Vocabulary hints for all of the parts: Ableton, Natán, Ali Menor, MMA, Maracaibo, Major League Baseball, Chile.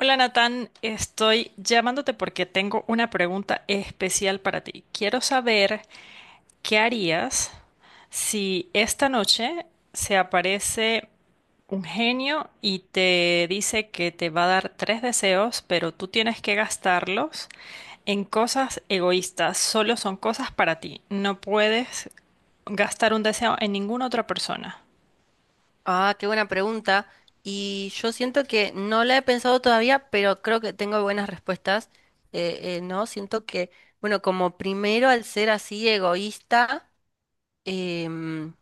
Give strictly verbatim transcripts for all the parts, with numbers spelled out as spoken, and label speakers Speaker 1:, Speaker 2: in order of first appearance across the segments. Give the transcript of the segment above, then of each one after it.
Speaker 1: Hola Natán, estoy llamándote porque tengo una pregunta especial para ti. Quiero saber qué harías si esta noche se aparece un genio y te dice que te va a dar tres deseos, pero tú tienes que gastarlos en cosas egoístas. Solo son cosas para ti. No puedes gastar un deseo en ninguna otra persona.
Speaker 2: Ah, qué buena pregunta. Y yo siento que no la he pensado todavía, pero creo que tengo buenas respuestas. Eh, eh, no, siento que, bueno, como primero al ser así egoísta, em,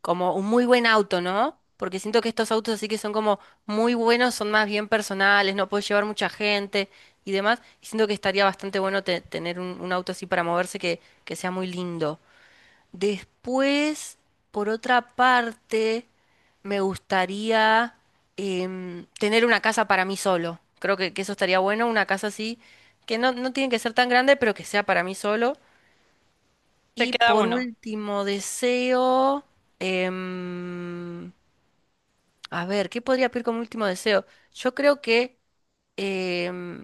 Speaker 2: como un muy buen auto, ¿no? Porque siento que estos autos así que son como muy buenos, son más bien personales, no puedes llevar mucha gente y demás. Y siento que estaría bastante bueno te- tener un, un auto así para moverse que, que sea muy lindo. Después, por otra parte, me gustaría em, tener una casa para mí solo. Creo que, que eso estaría bueno, una casa así, que no, no tiene que ser tan grande, pero que sea para mí solo.
Speaker 1: Te
Speaker 2: Y
Speaker 1: queda
Speaker 2: por
Speaker 1: uno.
Speaker 2: último deseo, em, a ver, ¿qué podría pedir como último deseo? Yo creo que em,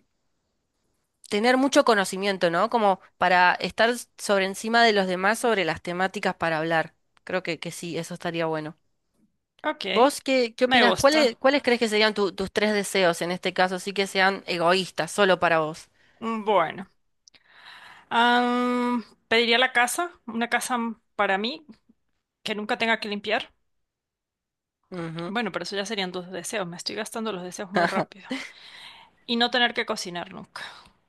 Speaker 2: tener mucho conocimiento, ¿no? Como para estar sobre encima de los demás sobre las temáticas para hablar. Creo que, que sí, eso estaría bueno.
Speaker 1: Ok,
Speaker 2: ¿Vos qué, qué
Speaker 1: me
Speaker 2: opinás?
Speaker 1: gusta.
Speaker 2: ¿Cuáles, cuáles crees que serían tu- tus tres deseos en este caso? Así que sean egoístas, solo para vos.
Speaker 1: Bueno. Am, Pediría la casa, una casa para mí que nunca tenga que limpiar.
Speaker 2: Ujú.
Speaker 1: Bueno, pero eso ya serían dos deseos. Me estoy gastando los deseos muy rápido. Y no tener que cocinar nunca.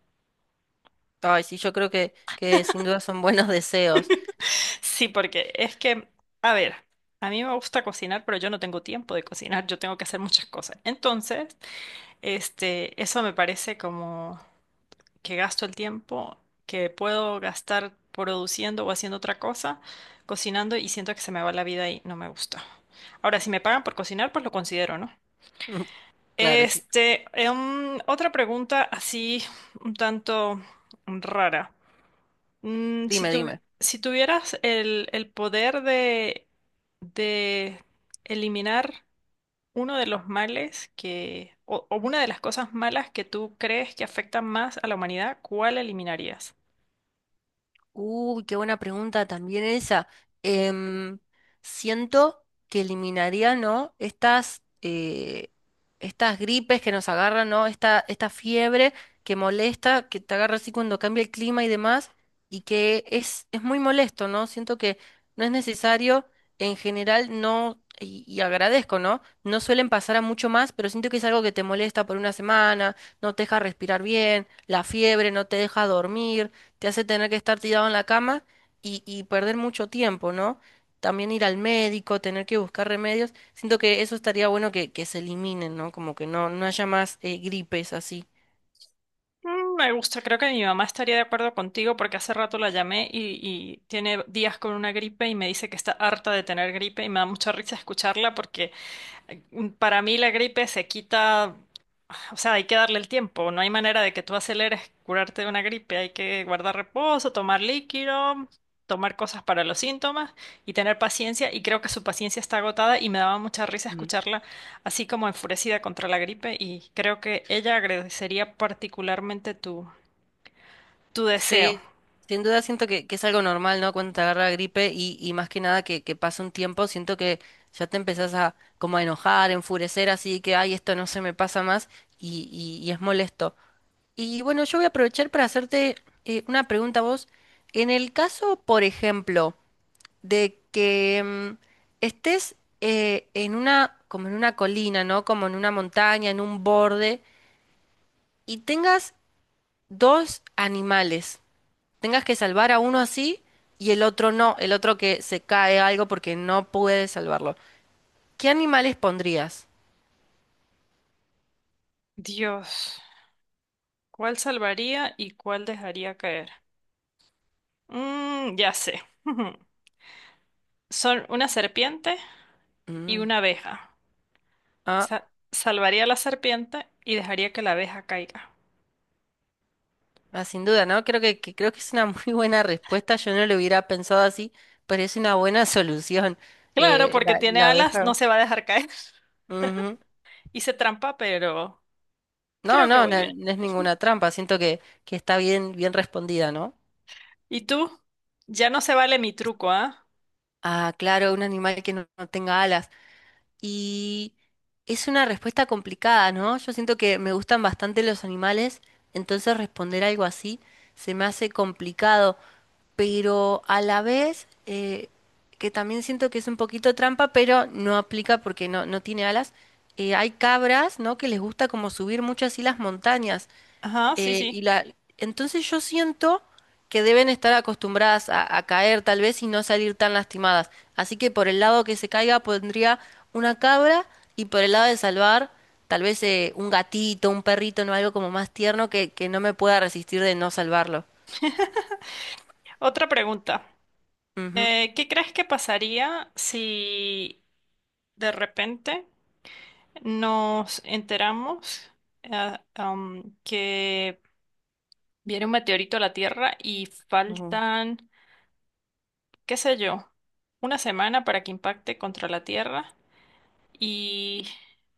Speaker 2: Ay, sí, yo creo que, que sin duda son buenos deseos.
Speaker 1: Sí, porque es que, a ver, a mí me gusta cocinar, pero yo no tengo tiempo de cocinar. Yo tengo que hacer muchas cosas. Entonces, este, eso me parece como que gasto el tiempo que puedo gastar produciendo o haciendo otra cosa, cocinando y siento que se me va la vida y no me gusta. Ahora, si me pagan por cocinar, pues lo considero, ¿no?
Speaker 2: Claro, sí.
Speaker 1: Este, em, otra pregunta así un tanto rara. Mm, si
Speaker 2: Dime,
Speaker 1: tu-
Speaker 2: dime.
Speaker 1: si tuvieras el, el poder de, de eliminar uno de los males que, o, o una de las cosas malas que tú crees que afectan más a la humanidad, ¿cuál eliminarías?
Speaker 2: Uy, qué buena pregunta también esa. Em, Siento que eliminaría, ¿no? Estas, eh, estas gripes que nos agarran, ¿no? Esta, esta fiebre que molesta, que te agarra así cuando cambia el clima y demás, y que es, es muy molesto, ¿no? Siento que no es necesario, en general, no, y, y agradezco, ¿no? No suelen pasar a mucho más, pero siento que es algo que te molesta por una semana, no te deja respirar bien, la fiebre no te deja dormir, te hace tener que estar tirado en la cama y, y perder mucho tiempo, ¿no? También ir al médico, tener que buscar remedios. Siento que eso estaría bueno que, que se eliminen, ¿no? Como que no, no haya más eh, gripes así.
Speaker 1: Mm, me gusta, creo que mi mamá estaría de acuerdo contigo porque hace rato la llamé y, y tiene días con una gripe y me dice que está harta de tener gripe y me da mucha risa escucharla porque... Para mí la gripe se quita, o sea, hay que darle el tiempo, no hay manera de que tú aceleres curarte de una gripe, hay que guardar reposo, tomar líquido, tomar cosas para los síntomas y tener paciencia y creo que su paciencia está agotada y me daba mucha risa
Speaker 2: Mm.
Speaker 1: escucharla así como enfurecida contra la gripe y creo que ella agradecería particularmente tu, tu deseo.
Speaker 2: Sí, sin duda siento que, que es algo normal, ¿no? Cuando te agarra gripe y, y más que nada que, que pasa un tiempo, siento que ya te empezás a como a enojar, enfurecer, así que, ay, esto no se me pasa más y, y, y es molesto. Y bueno, yo voy a aprovechar para hacerte eh, una pregunta a vos. En el caso, por ejemplo, de que mm, estés eh, en una, como en una colina, ¿no? Como en una montaña, en un borde, y tengas dos animales, tengas que salvar a uno así y el otro no, el otro que se cae algo porque no puedes salvarlo. ¿Qué animales pondrías?
Speaker 1: Dios, ¿cuál salvaría y cuál dejaría caer? Mm, ya sé. Son una serpiente y
Speaker 2: Mm.
Speaker 1: una abeja. Sa-
Speaker 2: Ah.
Speaker 1: salvaría a la serpiente y dejaría que la abeja caiga.
Speaker 2: Ah, sin duda, ¿no? Creo que, que- creo que es una muy buena respuesta. Yo no lo hubiera pensado así, pero es una buena solución.
Speaker 1: Claro,
Speaker 2: Eh,
Speaker 1: porque
Speaker 2: la,
Speaker 1: tiene
Speaker 2: la
Speaker 1: alas, no
Speaker 2: abeja.
Speaker 1: se va a dejar caer.
Speaker 2: Ujú.
Speaker 1: Hice trampa, pero
Speaker 2: No,
Speaker 1: creo que
Speaker 2: no,
Speaker 1: voy
Speaker 2: no,
Speaker 1: bien.
Speaker 2: no es ninguna trampa. Siento que, que está bien, bien respondida, ¿no?
Speaker 1: ¿Y tú? Ya no se vale mi truco, ¿ah?
Speaker 2: Ah, claro, un animal que no, no tenga alas. Y es una respuesta complicada, ¿no? Yo siento que me gustan bastante los animales, entonces responder algo así se me hace complicado. Pero a la vez eh, que también siento que es un poquito trampa, pero no aplica porque no, no tiene alas. eh, hay cabras, ¿no? Que les gusta como subir muchas y las montañas.
Speaker 1: Ajá, sí,
Speaker 2: eh, y
Speaker 1: sí.
Speaker 2: la, entonces yo siento que deben estar acostumbradas a, a caer tal vez y no salir tan lastimadas. Así que por el lado que se caiga pondría una cabra y por el lado de salvar tal vez eh, un gatito, un perrito, no algo como más tierno que, que no me pueda resistir de no salvarlo.
Speaker 1: Otra pregunta.
Speaker 2: Ujú.
Speaker 1: Eh, ¿qué crees que pasaría si de repente nos enteramos eh, am, que viene un meteorito a la Tierra y
Speaker 2: Ujú,
Speaker 1: faltan qué sé yo, una semana para que impacte contra la Tierra y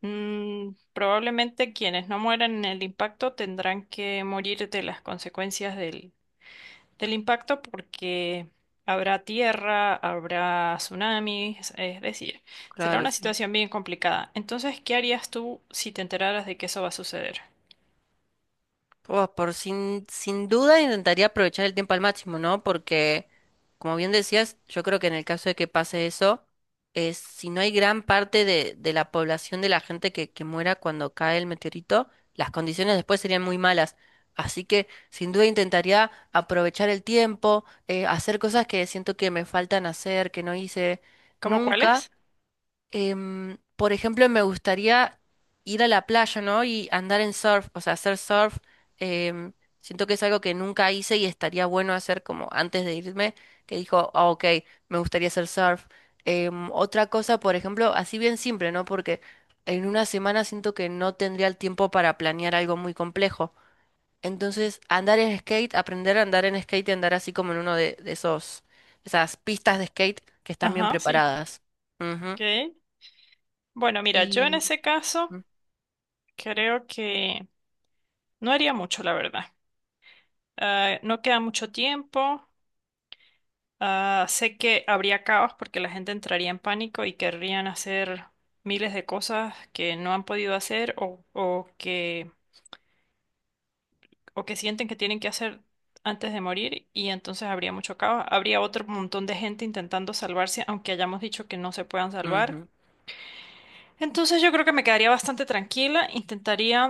Speaker 1: mm, probablemente quienes no mueran en el impacto tendrán que morir de las consecuencias del, del impacto porque habrá tierra, habrá tsunamis, es decir, será
Speaker 2: claro,
Speaker 1: una
Speaker 2: sí.
Speaker 1: situación bien complicada. Entonces, ¿qué harías tú si te enteraras de que eso va a suceder?
Speaker 2: Pues por sin, sin duda intentaría aprovechar el tiempo al máximo, ¿no? Porque, como bien decías, yo creo que en el caso de que pase eso, es, si no hay gran parte de, de la población de la gente que, que muera cuando cae el meteorito, las condiciones después serían muy malas. Así que, sin duda, intentaría aprovechar el tiempo, eh, hacer cosas que siento que me faltan hacer, que no hice Mm.
Speaker 1: ¿Cómo
Speaker 2: nunca.
Speaker 1: cuáles?
Speaker 2: Em, por ejemplo, me gustaría ir a la playa, ¿no? Y andar en surf, o sea, hacer surf. em, Siento que es algo que nunca hice y estaría bueno hacer como antes de irme, que dijo, "Ah, ok, me gustaría hacer surf. Em, otra cosa, por ejemplo, así bien simple, ¿no? Porque en una semana siento que no tendría el tiempo para planear algo muy complejo. Entonces, andar en skate, aprender a andar en skate y andar así como en uno de, de esos, esas pistas de skate que están bien
Speaker 1: Ajá, sí.
Speaker 2: preparadas. Ujú.
Speaker 1: Ok. Bueno, mira, yo
Speaker 2: Y.
Speaker 1: en ese caso
Speaker 2: Mm.
Speaker 1: creo que no haría mucho, la verdad. Ah, no queda mucho tiempo. Ah, sé que habría caos porque la gente entraría en pánico y querrían hacer miles de cosas que no han podido hacer o, o que, o que sienten que tienen que hacer antes de morir y entonces habría mucho caos. Habría otro montón de gente intentando salvarse, aunque hayamos dicho que no se puedan salvar.
Speaker 2: Ujú.
Speaker 1: Entonces yo creo que me quedaría bastante tranquila. Intentaría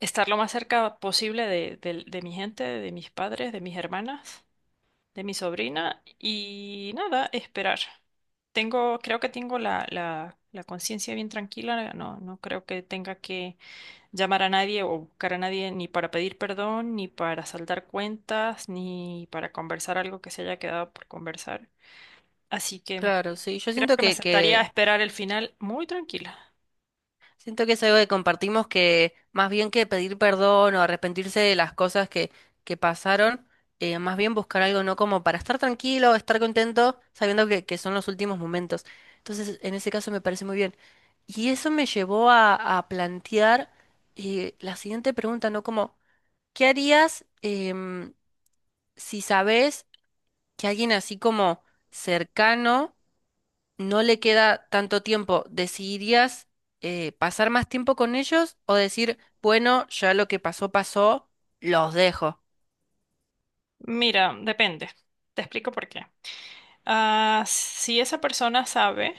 Speaker 1: estar lo más cerca posible de, de de mi gente, de mis padres, de mis hermanas. De mi sobrina y nada, esperar. Tengo, creo que tengo la, la, la conciencia bien tranquila, no, no creo que tenga que llamar a nadie o buscar a nadie ni para pedir perdón, ni para saldar cuentas, ni para conversar algo que se haya quedado por conversar. Así que
Speaker 2: Claro, sí. Yo
Speaker 1: creo
Speaker 2: siento
Speaker 1: que me
Speaker 2: que,
Speaker 1: sentaría a
Speaker 2: que
Speaker 1: esperar el final muy tranquila.
Speaker 2: Siento que es algo que compartimos, que más bien que pedir perdón o arrepentirse de las cosas que, que pasaron, eh, más bien buscar algo no como para estar tranquilo, estar contento, sabiendo que, que son los últimos momentos. Entonces, en ese caso me parece muy bien. Y eso me llevó a, a plantear eh, la siguiente pregunta, ¿no? Como, ¿qué harías em, si sabes que alguien así como cercano no le queda tanto tiempo, decidirías eh, pasar más tiempo con ellos o decir, bueno, ya lo que pasó, pasó, los dejo?
Speaker 1: Mira, depende. Te explico por qué. Ah, si esa persona sabe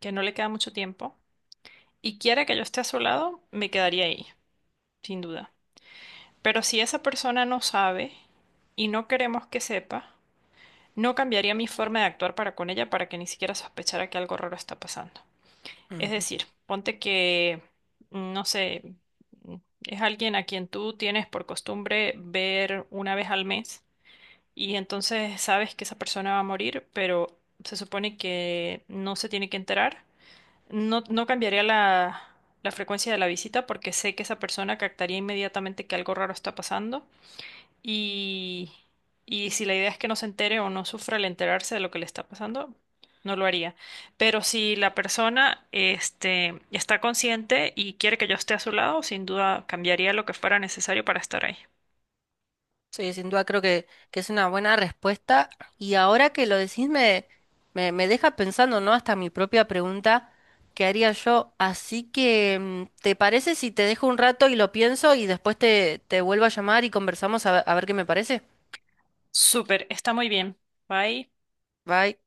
Speaker 1: que no le queda mucho tiempo y quiere que yo esté a su lado, me quedaría ahí. Sin duda. Pero si esa persona no sabe y no queremos que sepa, no cambiaría mi forma de actuar para con ella para que ni siquiera sospechara que algo raro está pasando. Es
Speaker 2: Ujú.
Speaker 1: decir, ponte que, mm, no sé, mm, es alguien a quien tú tienes por costumbre ver una vez al mes y entonces sabes que esa persona va a morir, pero se supone que no se tiene que enterar. No, no cambiaría la, la frecuencia de la visita porque sé que esa persona captaría inmediatamente que algo raro está pasando y, y si la idea es que no se entere o no sufra al enterarse de lo que le está pasando, no lo haría. Pero si la persona, este, está consciente y quiere que yo esté a su lado, sin duda cambiaría lo que fuera necesario para estar ahí.
Speaker 2: Sí, sin duda creo que, que es una buena respuesta. Y ahora que lo decís, me, me, me deja pensando, ¿no? Hasta mi propia pregunta, ¿qué haría yo? Así que, mm, ¿te parece si te dejo un rato y lo pienso y después te, te vuelvo a llamar y conversamos a ver a ver qué me parece?
Speaker 1: Súper, está muy bien. Bye.
Speaker 2: Bye.